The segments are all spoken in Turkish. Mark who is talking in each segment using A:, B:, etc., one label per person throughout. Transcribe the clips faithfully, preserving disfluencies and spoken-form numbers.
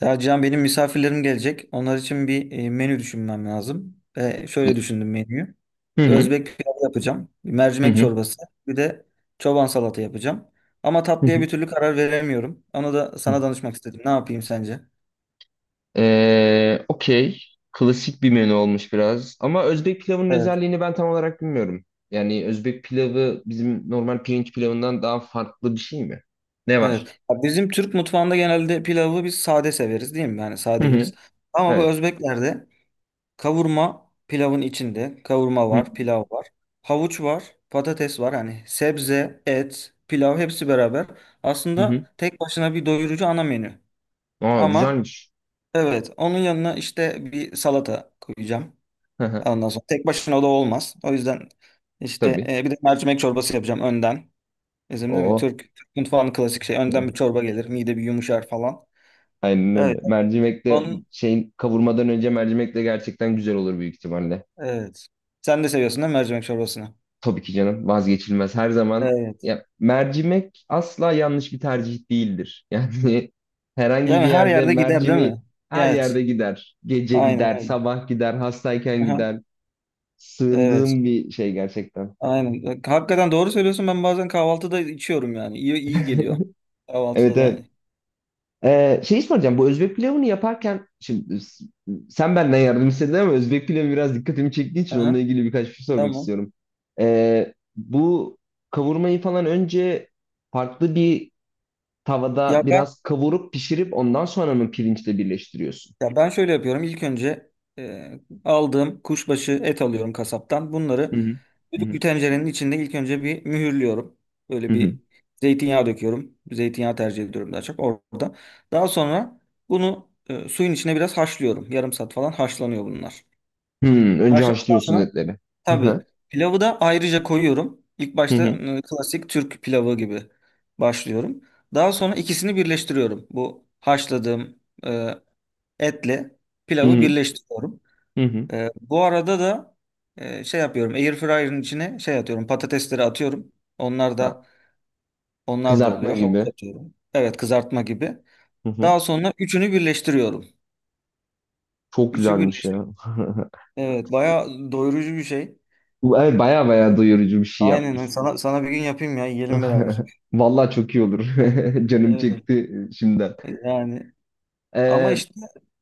A: Ya Can benim misafirlerim gelecek. Onlar için bir e, menü düşünmem lazım. Ve
B: Hı
A: şöyle düşündüm menüyü. Bir
B: hı.
A: Özbek pilavı yapacağım. Bir
B: Hı
A: mercimek
B: hı.
A: çorbası. Bir de çoban salata yapacağım. Ama
B: Hı
A: tatlıya
B: hı.
A: bir türlü karar veremiyorum. Onu da
B: Hı.
A: sana danışmak istedim. Ne yapayım sence?
B: Ee, okey. Klasik bir menü olmuş biraz. Ama Özbek pilavının
A: Evet.
B: özelliğini ben tam olarak bilmiyorum. Yani Özbek pilavı bizim normal pirinç pilavından daha farklı bir şey mi? Ne var?
A: Evet. Ya bizim Türk mutfağında genelde pilavı biz sade severiz değil mi? Yani sade
B: Hı hı.
A: yeriz. Ama bu
B: Evet.
A: Özbeklerde kavurma pilavın içinde. Kavurma
B: Hı
A: var, pilav var. Havuç var, patates var. Hani sebze, et, pilav hepsi beraber.
B: hı. Hı.
A: Aslında tek başına bir doyurucu ana menü.
B: Aa,
A: Ama
B: güzelmiş.
A: evet onun yanına işte bir salata koyacağım.
B: Hı hı.
A: Ondan sonra tek başına o da olmaz. O yüzden işte
B: Tabii.
A: e, bir de mercimek çorbası yapacağım önden. Bizim değil mi?
B: Oo.
A: Türk, Türk mutfağının klasik şey. Önden bir çorba gelir. Mide bir yumuşar falan.
B: Aynen
A: Evet.
B: öyle. Mercimek de
A: Onun,
B: şeyin kavurmadan önce mercimek de gerçekten güzel olur büyük ihtimalle.
A: evet. Sen de seviyorsun değil mi mercimek çorbasını?
B: Tabii ki canım, vazgeçilmez her zaman.
A: Evet.
B: Ya, mercimek asla yanlış bir tercih değildir. Yani herhangi
A: Yani
B: bir
A: her
B: yerde
A: yerde gider değil
B: mercimi
A: mi?
B: her
A: Evet.
B: yerde gider. Gece
A: Aynen
B: gider,
A: öyle.
B: sabah gider, hastayken
A: Aha,
B: gider.
A: evet.
B: Sığındığım bir şey gerçekten.
A: Aynen. Bak, hakikaten doğru söylüyorsun. Ben bazen kahvaltıda içiyorum yani. İyi, iyi geliyor.
B: Evet,
A: Kahvaltıda da.
B: evet. Ee, şey soracağım, bu Özbek pilavını yaparken şimdi s- sen benden yardım istedin, ama Özbek pilavı biraz dikkatimi çektiği için onunla
A: Aha,
B: ilgili birkaç bir şey sormak
A: tamam.
B: istiyorum. Ee, bu kavurmayı falan önce farklı bir tavada
A: Ya ben
B: biraz kavurup pişirip ondan sonra mı pirinçle birleştiriyorsun?
A: ya ben şöyle yapıyorum. İlk önce e, aldığım kuşbaşı et alıyorum kasaptan. Bunları
B: Hı hı. Hı
A: düdüklü bir
B: hı.
A: tencerenin içinde ilk önce bir mühürlüyorum.
B: Hı
A: Böyle
B: hı.
A: bir zeytinyağı döküyorum. Zeytinyağı tercih ediyorum daha çok orada. Daha sonra bunu e, suyun içine biraz haşlıyorum. Yarım saat falan haşlanıyor bunlar.
B: Hmm, önce
A: Haşladıktan
B: haşlıyorsun
A: sonra
B: etleri. Hı
A: tabii
B: hı.
A: pilavı da ayrıca koyuyorum. İlk
B: Hı
A: başta
B: hı.
A: e, klasik Türk pilavı gibi başlıyorum. Daha sonra ikisini birleştiriyorum. Bu haşladığım e, etle
B: Hı
A: pilavı
B: hı.
A: birleştiriyorum.
B: Hı hı.
A: E, bu arada da e, şey yapıyorum. Air fryer'ın içine şey atıyorum. Patatesleri atıyorum. Onlar
B: Ha,
A: da onlar da
B: kızartma
A: oluyor. Havuç
B: gibi.
A: atıyorum. Evet kızartma gibi.
B: Hı hı.
A: Daha sonra üçünü birleştiriyorum.
B: Çok
A: Üçü
B: güzelmiş
A: birleştir.
B: ya.
A: Evet bayağı doyurucu bir şey.
B: Bu- Evet, baya baya doyurucu bir şey
A: Aynen
B: yapmışsın.
A: sana sana bir gün yapayım ya yiyelim beraber.
B: Vallahi çok iyi olur. Canım
A: Öyle.
B: çekti şimdiden.
A: Yani ama
B: Ee,
A: işte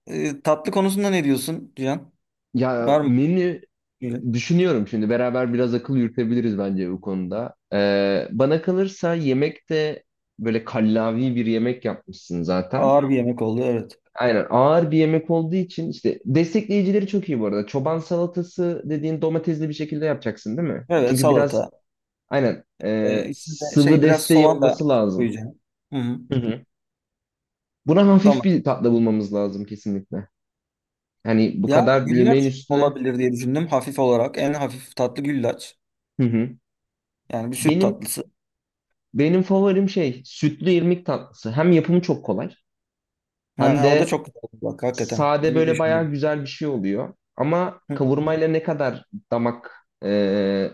A: e, tatlı konusunda ne diyorsun Cihan?
B: Ya
A: Var mı?
B: menü,
A: Böyle
B: düşünüyorum şimdi, beraber biraz akıl yürütebiliriz bence bu konuda. Ee, bana kalırsa yemek de böyle kallavi bir yemek yapmışsın zaten.
A: ağır bir yemek oldu evet.
B: Aynen, ağır bir yemek olduğu için işte destekleyicileri çok iyi bu arada. Çoban salatası dediğin domatesli bir şekilde yapacaksın değil mi?
A: Evet
B: Çünkü biraz
A: salata.
B: aynen
A: E,
B: e,
A: içinde
B: sıvı
A: şey biraz
B: desteği
A: soğan da
B: olması lazım.
A: koyacağım. Hı hı.
B: Hı hı. Buna hafif
A: Domates.
B: bir tatlı bulmamız lazım kesinlikle. Yani bu
A: Ya
B: kadar yemeğin
A: güllaç
B: üstüne.
A: olabilir diye düşündüm hafif olarak. En hafif tatlı güllaç.
B: Hı hı.
A: Yani bir süt
B: Benim
A: tatlısı.
B: Benim favorim şey sütlü irmik tatlısı. Hem yapımı çok kolay, hem
A: Ha, o da
B: de
A: çok güzel olur bak hakikaten.
B: sade,
A: İyi
B: böyle bayağı
A: düşündüm.
B: güzel bir şey oluyor. Ama
A: Hı.
B: kavurmayla ne kadar damak e,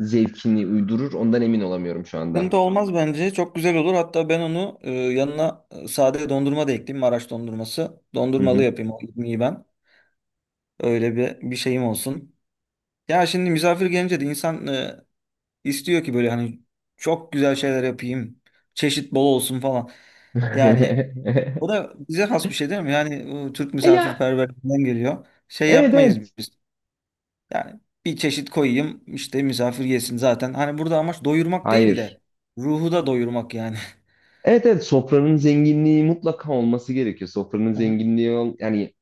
B: zevkini uydurur ondan emin olamıyorum şu anda.
A: Sıkıntı olmaz bence. Çok güzel olur. Hatta ben onu e, yanına e, sade dondurma da ekleyeyim. Maraş dondurması.
B: Hı
A: Dondurmalı
B: hı.
A: yapayım. Onu iyi ben. Öyle bir bir şeyim olsun. Ya şimdi misafir gelince de insan e, istiyor ki böyle hani çok güzel şeyler yapayım. Çeşit bol olsun falan. Yani o da bize has bir şey değil mi? Yani bu Türk
B: E ya,
A: misafirperverliğinden geliyor. Şey
B: evet
A: yapmayız
B: evet.
A: biz. Yani bir çeşit koyayım işte misafir yesin zaten. Hani burada amaç doyurmak değil
B: Hayır.
A: de ruhu da doyurmak yani.
B: Evet, evet, sofranın zenginliği mutlaka olması gerekiyor. Sofranın
A: Hı hı.
B: zenginliği ol- yani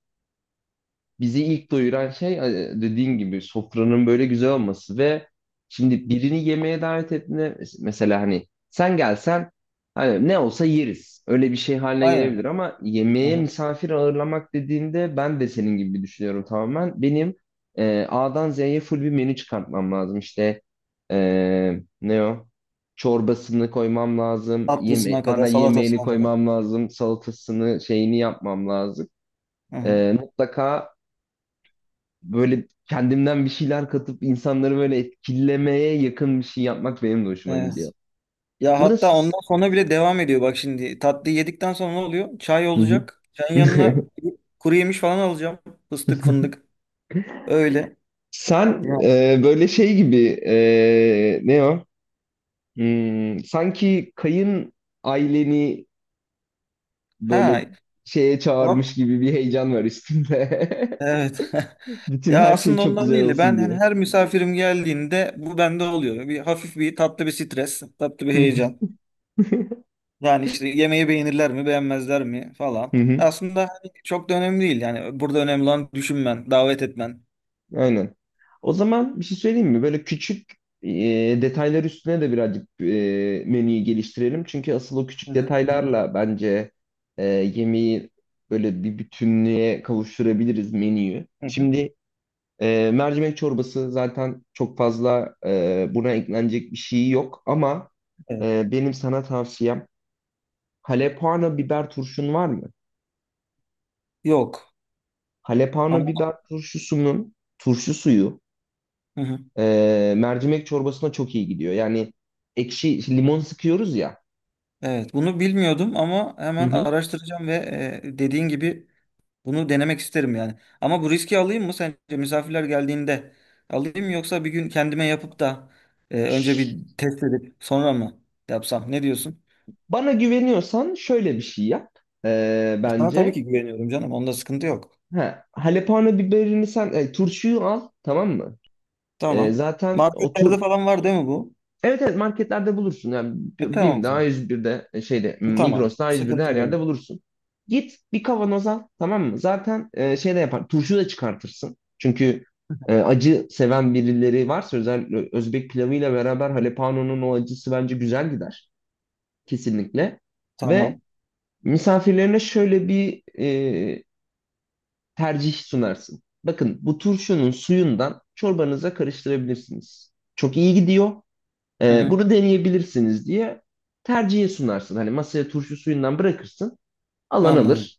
B: bizi ilk doyuran şey e, dediğin gibi sofranın böyle güzel olması. Ve şimdi birini yemeğe davet ettiğinde mes- mesela hani sen gelsen hani ne olsa yeriz. Öyle bir şey haline gelebilir,
A: Aynen.
B: ama
A: Hı
B: yemeğe
A: hı.
B: misafir ağırlamak dediğinde ben de senin gibi düşünüyorum tamamen. Benim e, A'dan Z'ye full bir menü çıkartmam lazım. İşte e, ne o? Çorbasını koymam lazım. Yeme
A: Tatlısına
B: ana
A: kadar,
B: yemeğini
A: salatasına kadar.
B: koymam lazım. Salatasını, şeyini yapmam lazım.
A: Hı hı.
B: Ee, mutlaka böyle kendimden bir şeyler katıp insanları böyle etkilemeye yakın bir şey yapmak benim de hoşuma gidiyor.
A: Evet. Ya
B: Burada
A: hatta
B: siz.
A: ondan sonra bile devam ediyor. Bak şimdi tatlıyı yedikten sonra ne oluyor? Çay
B: Hı hı.
A: olacak. Çayın yanına kuru yemiş falan alacağım. Fıstık fındık. Öyle.
B: Sen
A: Ya.
B: e, böyle şey gibi e, ne o? Hmm, sanki kayın aileni böyle
A: Ha.
B: şeye
A: Bak.
B: çağırmış gibi bir heyecan var üstünde.
A: Evet.
B: Bütün
A: Ya
B: her şey
A: aslında
B: çok
A: ondan
B: güzel
A: değil de ben
B: olsun
A: hani
B: diye.
A: her misafirim geldiğinde bu bende oluyor. Bir hafif bir tatlı bir stres, tatlı bir heyecan. Yani işte yemeği beğenirler mi, beğenmezler mi falan. Aslında hani çok da önemli değil. Yani burada önemli olan düşünmen, davet etmen.
B: Aynen. O zaman bir şey söyleyeyim mi? Böyle küçük e, detaylar üstüne de birazcık e, menüyü geliştirelim. Çünkü asıl o
A: Hı
B: küçük
A: hı.
B: detaylarla bence e, yemeği böyle bir bütünlüğe kavuşturabiliriz menüyü.
A: Hı hı.
B: Şimdi e, mercimek çorbası zaten çok fazla e, buna eklenecek bir şey yok, ama
A: Evet.
B: e, benim sana tavsiyem, halepano biber turşun var mı?
A: Yok.
B: Halepano
A: Ama
B: biber turşusunun turşu suyu,
A: hı hı.
B: Ee, mercimek çorbasına çok iyi gidiyor. Yani ekşi işte, limon sıkıyoruz ya.
A: Evet, bunu bilmiyordum ama
B: Hı
A: hemen
B: hı.
A: araştıracağım ve e, dediğin gibi bunu denemek isterim yani. Ama bu riski alayım mı sence misafirler geldiğinde alayım yoksa bir gün kendime yapıp da e, önce bir test edip sonra mı yapsam? Ne diyorsun?
B: Bana güveniyorsan şöyle bir şey yap, ee,
A: Sana tabii
B: bence.
A: ki güveniyorum canım. Onda sıkıntı yok.
B: Ha, halepano biberini sen e, turşuyu al, tamam mı? Ee,
A: Tamam.
B: zaten o tur
A: Marketlerde falan var değil mi bu?
B: Evet, evet marketlerde bulursun. Yani
A: E
B: B-
A: tamam o
B: BİM'de,
A: zaman.
B: A yüz birde, şeyde
A: E, tamam.
B: Migros'ta, A yüz birde
A: Sıkıntı
B: her yerde
A: yok.
B: bulursun. Git bir kavanoz al, tamam mı? Zaten e, şey de yapar. Turşu da çıkartırsın. Çünkü e, acı seven birileri varsa özellikle Özbek pilavıyla beraber halepano'nun o acısı bence güzel gider. Kesinlikle. Ve
A: Tamam.
B: misafirlerine şöyle bir e, tercih sunarsın. Bakın, bu turşunun suyundan çorbanıza karıştırabilirsiniz. Çok iyi gidiyor.
A: Hı
B: Ee,
A: hı.
B: bunu deneyebilirsiniz diye tercihe sunarsın. Hani masaya turşu suyundan bırakırsın, alan
A: Anladım.
B: alır.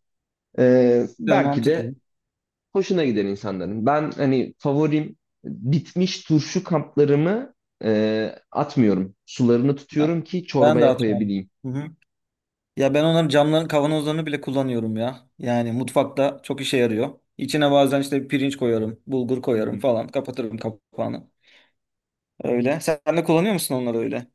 B: Ee,
A: Güzel,
B: belki de
A: mantıklı.
B: hoşuna gider insanların. Ben hani favorim bitmiş turşu kaplarımı e, atmıyorum. Sularını
A: Ben
B: tutuyorum ki
A: ben de
B: çorbaya
A: atmam.
B: koyabileyim.
A: Hı hı. Ya ben onların camların kavanozlarını bile kullanıyorum ya. Yani mutfakta çok işe yarıyor. İçine bazen işte pirinç koyarım, bulgur koyarım falan. Kapatırım kapağını. Öyle. Sen de kullanıyor musun onları öyle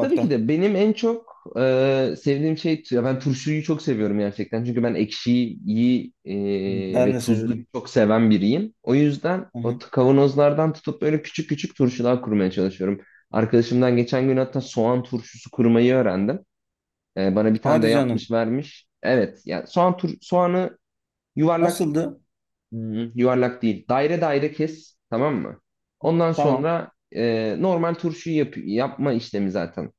B: Tabii ki de benim en çok e, sevdiğim şey, ya ben turşuyu çok seviyorum gerçekten. Çünkü ben ekşiyi iyi, e,
A: Ben
B: ve
A: de
B: tuzluyu
A: severim.
B: çok seven biriyim. O yüzden
A: Hı
B: o
A: hı.
B: t- kavanozlardan tutup böyle küçük küçük turşular kurmaya çalışıyorum. Arkadaşımdan geçen gün hatta soğan turşusu kurmayı öğrendim. E, bana bir tane de
A: Hadi canım.
B: yapmış vermiş. Evet, yani soğan tur soğanı yuvarlak,
A: Nasıldı?
B: hmm, yuvarlak değil, daire daire kes, tamam mı? Ondan
A: Tamam.
B: sonra e, normal turşuyu yap yapma işlemi zaten.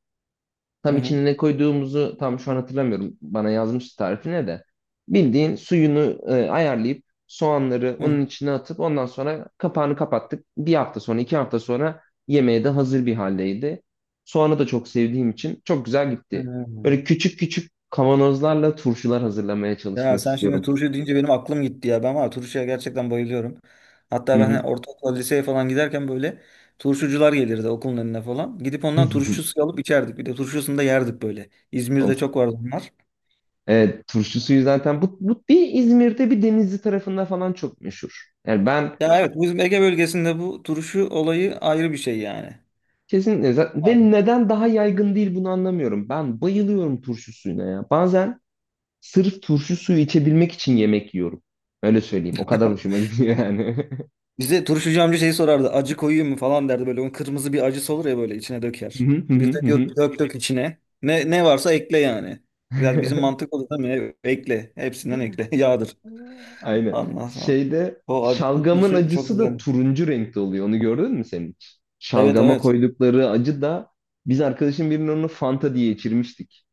A: Hı
B: Tam
A: hı.
B: içine ne koyduğumuzu tam şu an hatırlamıyorum. Bana yazmıştı tarifine de. Bildiğin suyunu e, ayarlayıp soğanları
A: Hı hı.
B: onun içine atıp ondan sonra kapağını kapattık. Bir hafta sonra, iki hafta sonra yemeğe de hazır bir haldeydi. Soğanı da çok sevdiğim için çok güzel
A: Hı.
B: gitti. Böyle küçük küçük kavanozlarla turşular hazırlamaya
A: Ya
B: çalışmak
A: sen şimdi
B: istiyorum.
A: turşu deyince benim aklım gitti ya. Ben var ya turşuya gerçekten bayılıyorum.
B: Hı
A: Hatta ben
B: hı.
A: hani ortaokul, liseye falan giderken böyle turşucular gelirdi okulun önüne falan. Gidip ondan turşu suyu alıp içerdik. Bir de turşusunu da yerdik böyle. İzmir'de
B: Of.
A: çok vardı bunlar.
B: Evet, turşu suyu zaten bu, bu bir İzmir'de, bir Denizli tarafında falan çok meşhur. Yani ben,
A: Ya evet bizim Ege bölgesinde bu turşu olayı ayrı bir şey yani.
B: kesinlikle. Za- Ve neden daha yaygın değil bunu anlamıyorum. Ben bayılıyorum turşu suyuna ya. Bazen sırf turşu suyu içebilmek için yemek yiyorum. Öyle söyleyeyim. O kadar hoşuma gidiyor yani.
A: Bize turşucu amca şeyi sorardı. Acı koyayım mı falan derdi böyle. Onun kırmızı bir acısı olur ya böyle içine
B: Hı
A: döker.
B: hı
A: Biz de
B: hı hı.
A: diyorduk dök dök içine. Ne, ne varsa ekle yani. Biraz bizim mantık olur değil mi? Ekle. Hepsinden ekle. Yağdır.
B: Aynen.
A: Anlasam.
B: Şeyde
A: O acılı
B: şalgamın
A: turşu çok
B: acısı da
A: güzel.
B: turuncu renkte oluyor. Onu gördün mü sen hiç?
A: Evet
B: Şalgama
A: evet.
B: koydukları acı da biz arkadaşım birinin onu Fanta diye içirmiştik.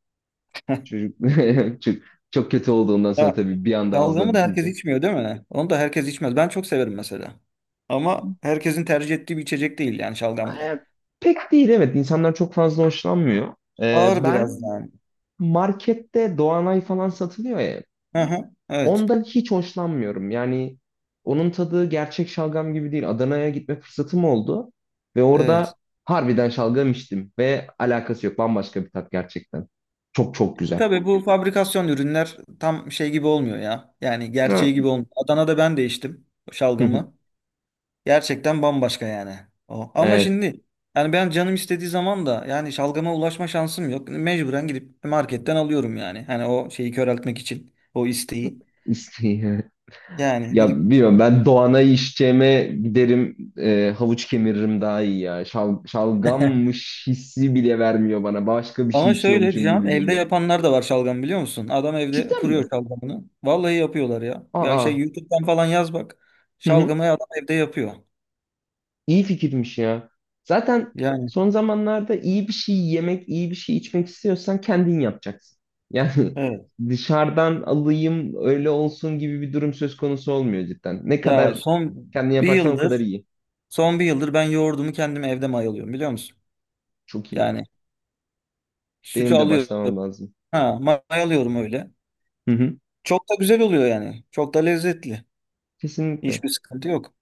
B: Çocuk çok, çok kötü oldu ondan sonra
A: Ya
B: tabii, bir anda ağzına
A: şalgamı da herkes
B: dikince.
A: içmiyor değil mi? Onu da herkes içmez. Ben çok severim mesela. Ama herkesin tercih ettiği bir içecek değil yani şalgam da.
B: E, Pek değil, evet. insanlar çok fazla hoşlanmıyor. E,
A: Ağır biraz
B: ben
A: yani.
B: markette Doğanay falan satılıyor ya.
A: Hı hı. Evet.
B: Ondan hiç hoşlanmıyorum. Yani onun tadı gerçek şalgam gibi değil. Adana'ya gitme fırsatım oldu. Ve
A: Evet.
B: orada harbiden şalgam içtim. Ve alakası yok. Bambaşka bir tat gerçekten. Çok çok
A: E
B: güzel.
A: tabii bu fabrikasyon ürünler tam şey gibi olmuyor ya. Yani gerçeği
B: Evet.
A: gibi olmuyor. Adana'da ben de içtim şalgamı. Gerçekten bambaşka yani. O. Ama
B: Evet.
A: şimdi yani ben canım istediği zaman da yani şalgama ulaşma şansım yok. Mecburen gidip marketten alıyorum yani. Hani o şeyi köreltmek için o isteği.
B: İsteği.
A: Yani
B: Ya
A: gidip
B: bilmiyorum, ben Doğan'a içeceğime giderim, e, havuç kemiririm daha iyi ya. Şal, şalgammış hissi bile vermiyor bana. Başka bir şey
A: ama şöyle
B: içiyormuşum
A: diyeceğim
B: gibi
A: evde
B: geliyor.
A: yapanlar da var şalgam biliyor musun? Adam evde
B: Cidden
A: kuruyor
B: mi?
A: şalgamını. Vallahi yapıyorlar ya. Ya şey
B: Aa,
A: YouTube'dan falan yaz bak.
B: hı hı.
A: Şalgamayı adam evde yapıyor.
B: İyi fikirmiş ya. Zaten
A: Yani
B: son zamanlarda iyi bir şey yemek, iyi bir şey içmek istiyorsan kendin yapacaksın. Yani
A: evet.
B: dışarıdan alayım öyle olsun gibi bir durum söz konusu olmuyor cidden. Ne
A: Ya
B: kadar
A: son
B: kendin
A: bir
B: yaparsan o kadar
A: yıldır
B: iyi.
A: son bir yıldır ben yoğurdumu kendim evde mayalıyorum biliyor musun?
B: Çok iyi ya.
A: Yani sütü
B: Benim de
A: alıyorum.
B: başlamam lazım.
A: Ha, mayalıyorum öyle.
B: Hı hı.
A: Çok da güzel oluyor yani. Çok da lezzetli.
B: Kesinlikle.
A: Hiçbir sıkıntı yok.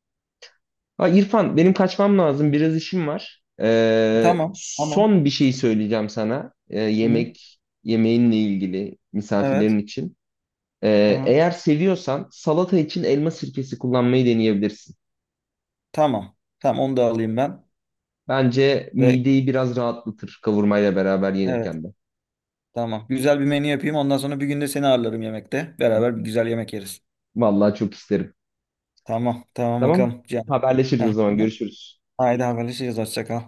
B: Ha, İrfan benim kaçmam lazım, biraz işim var. Ee,
A: Tamam, tamam.
B: son bir şey söyleyeceğim sana, Ee,
A: Hı-hı.
B: yemek yemeğinle ilgili
A: Evet.
B: misafirlerin için. Ee,
A: Aha.
B: eğer seviyorsan salata için elma sirkesi kullanmayı deneyebilirsin.
A: Tamam. Tamam onu da alayım ben.
B: Bence
A: Ve
B: mideyi biraz rahatlatır kavurmayla beraber
A: evet,
B: yenirken de.
A: tamam. Güzel bir menü yapayım. Ondan sonra bir günde seni ağırlarım yemekte. Beraber bir güzel yemek yeriz.
B: Vallahi çok isterim.
A: Tamam, tamam
B: Tamam?
A: bakalım. Can.
B: Haberleşiriz o
A: Heh,
B: zaman,
A: heh.
B: görüşürüz.
A: Haydi haberleşeceğiz. Hoşça kal.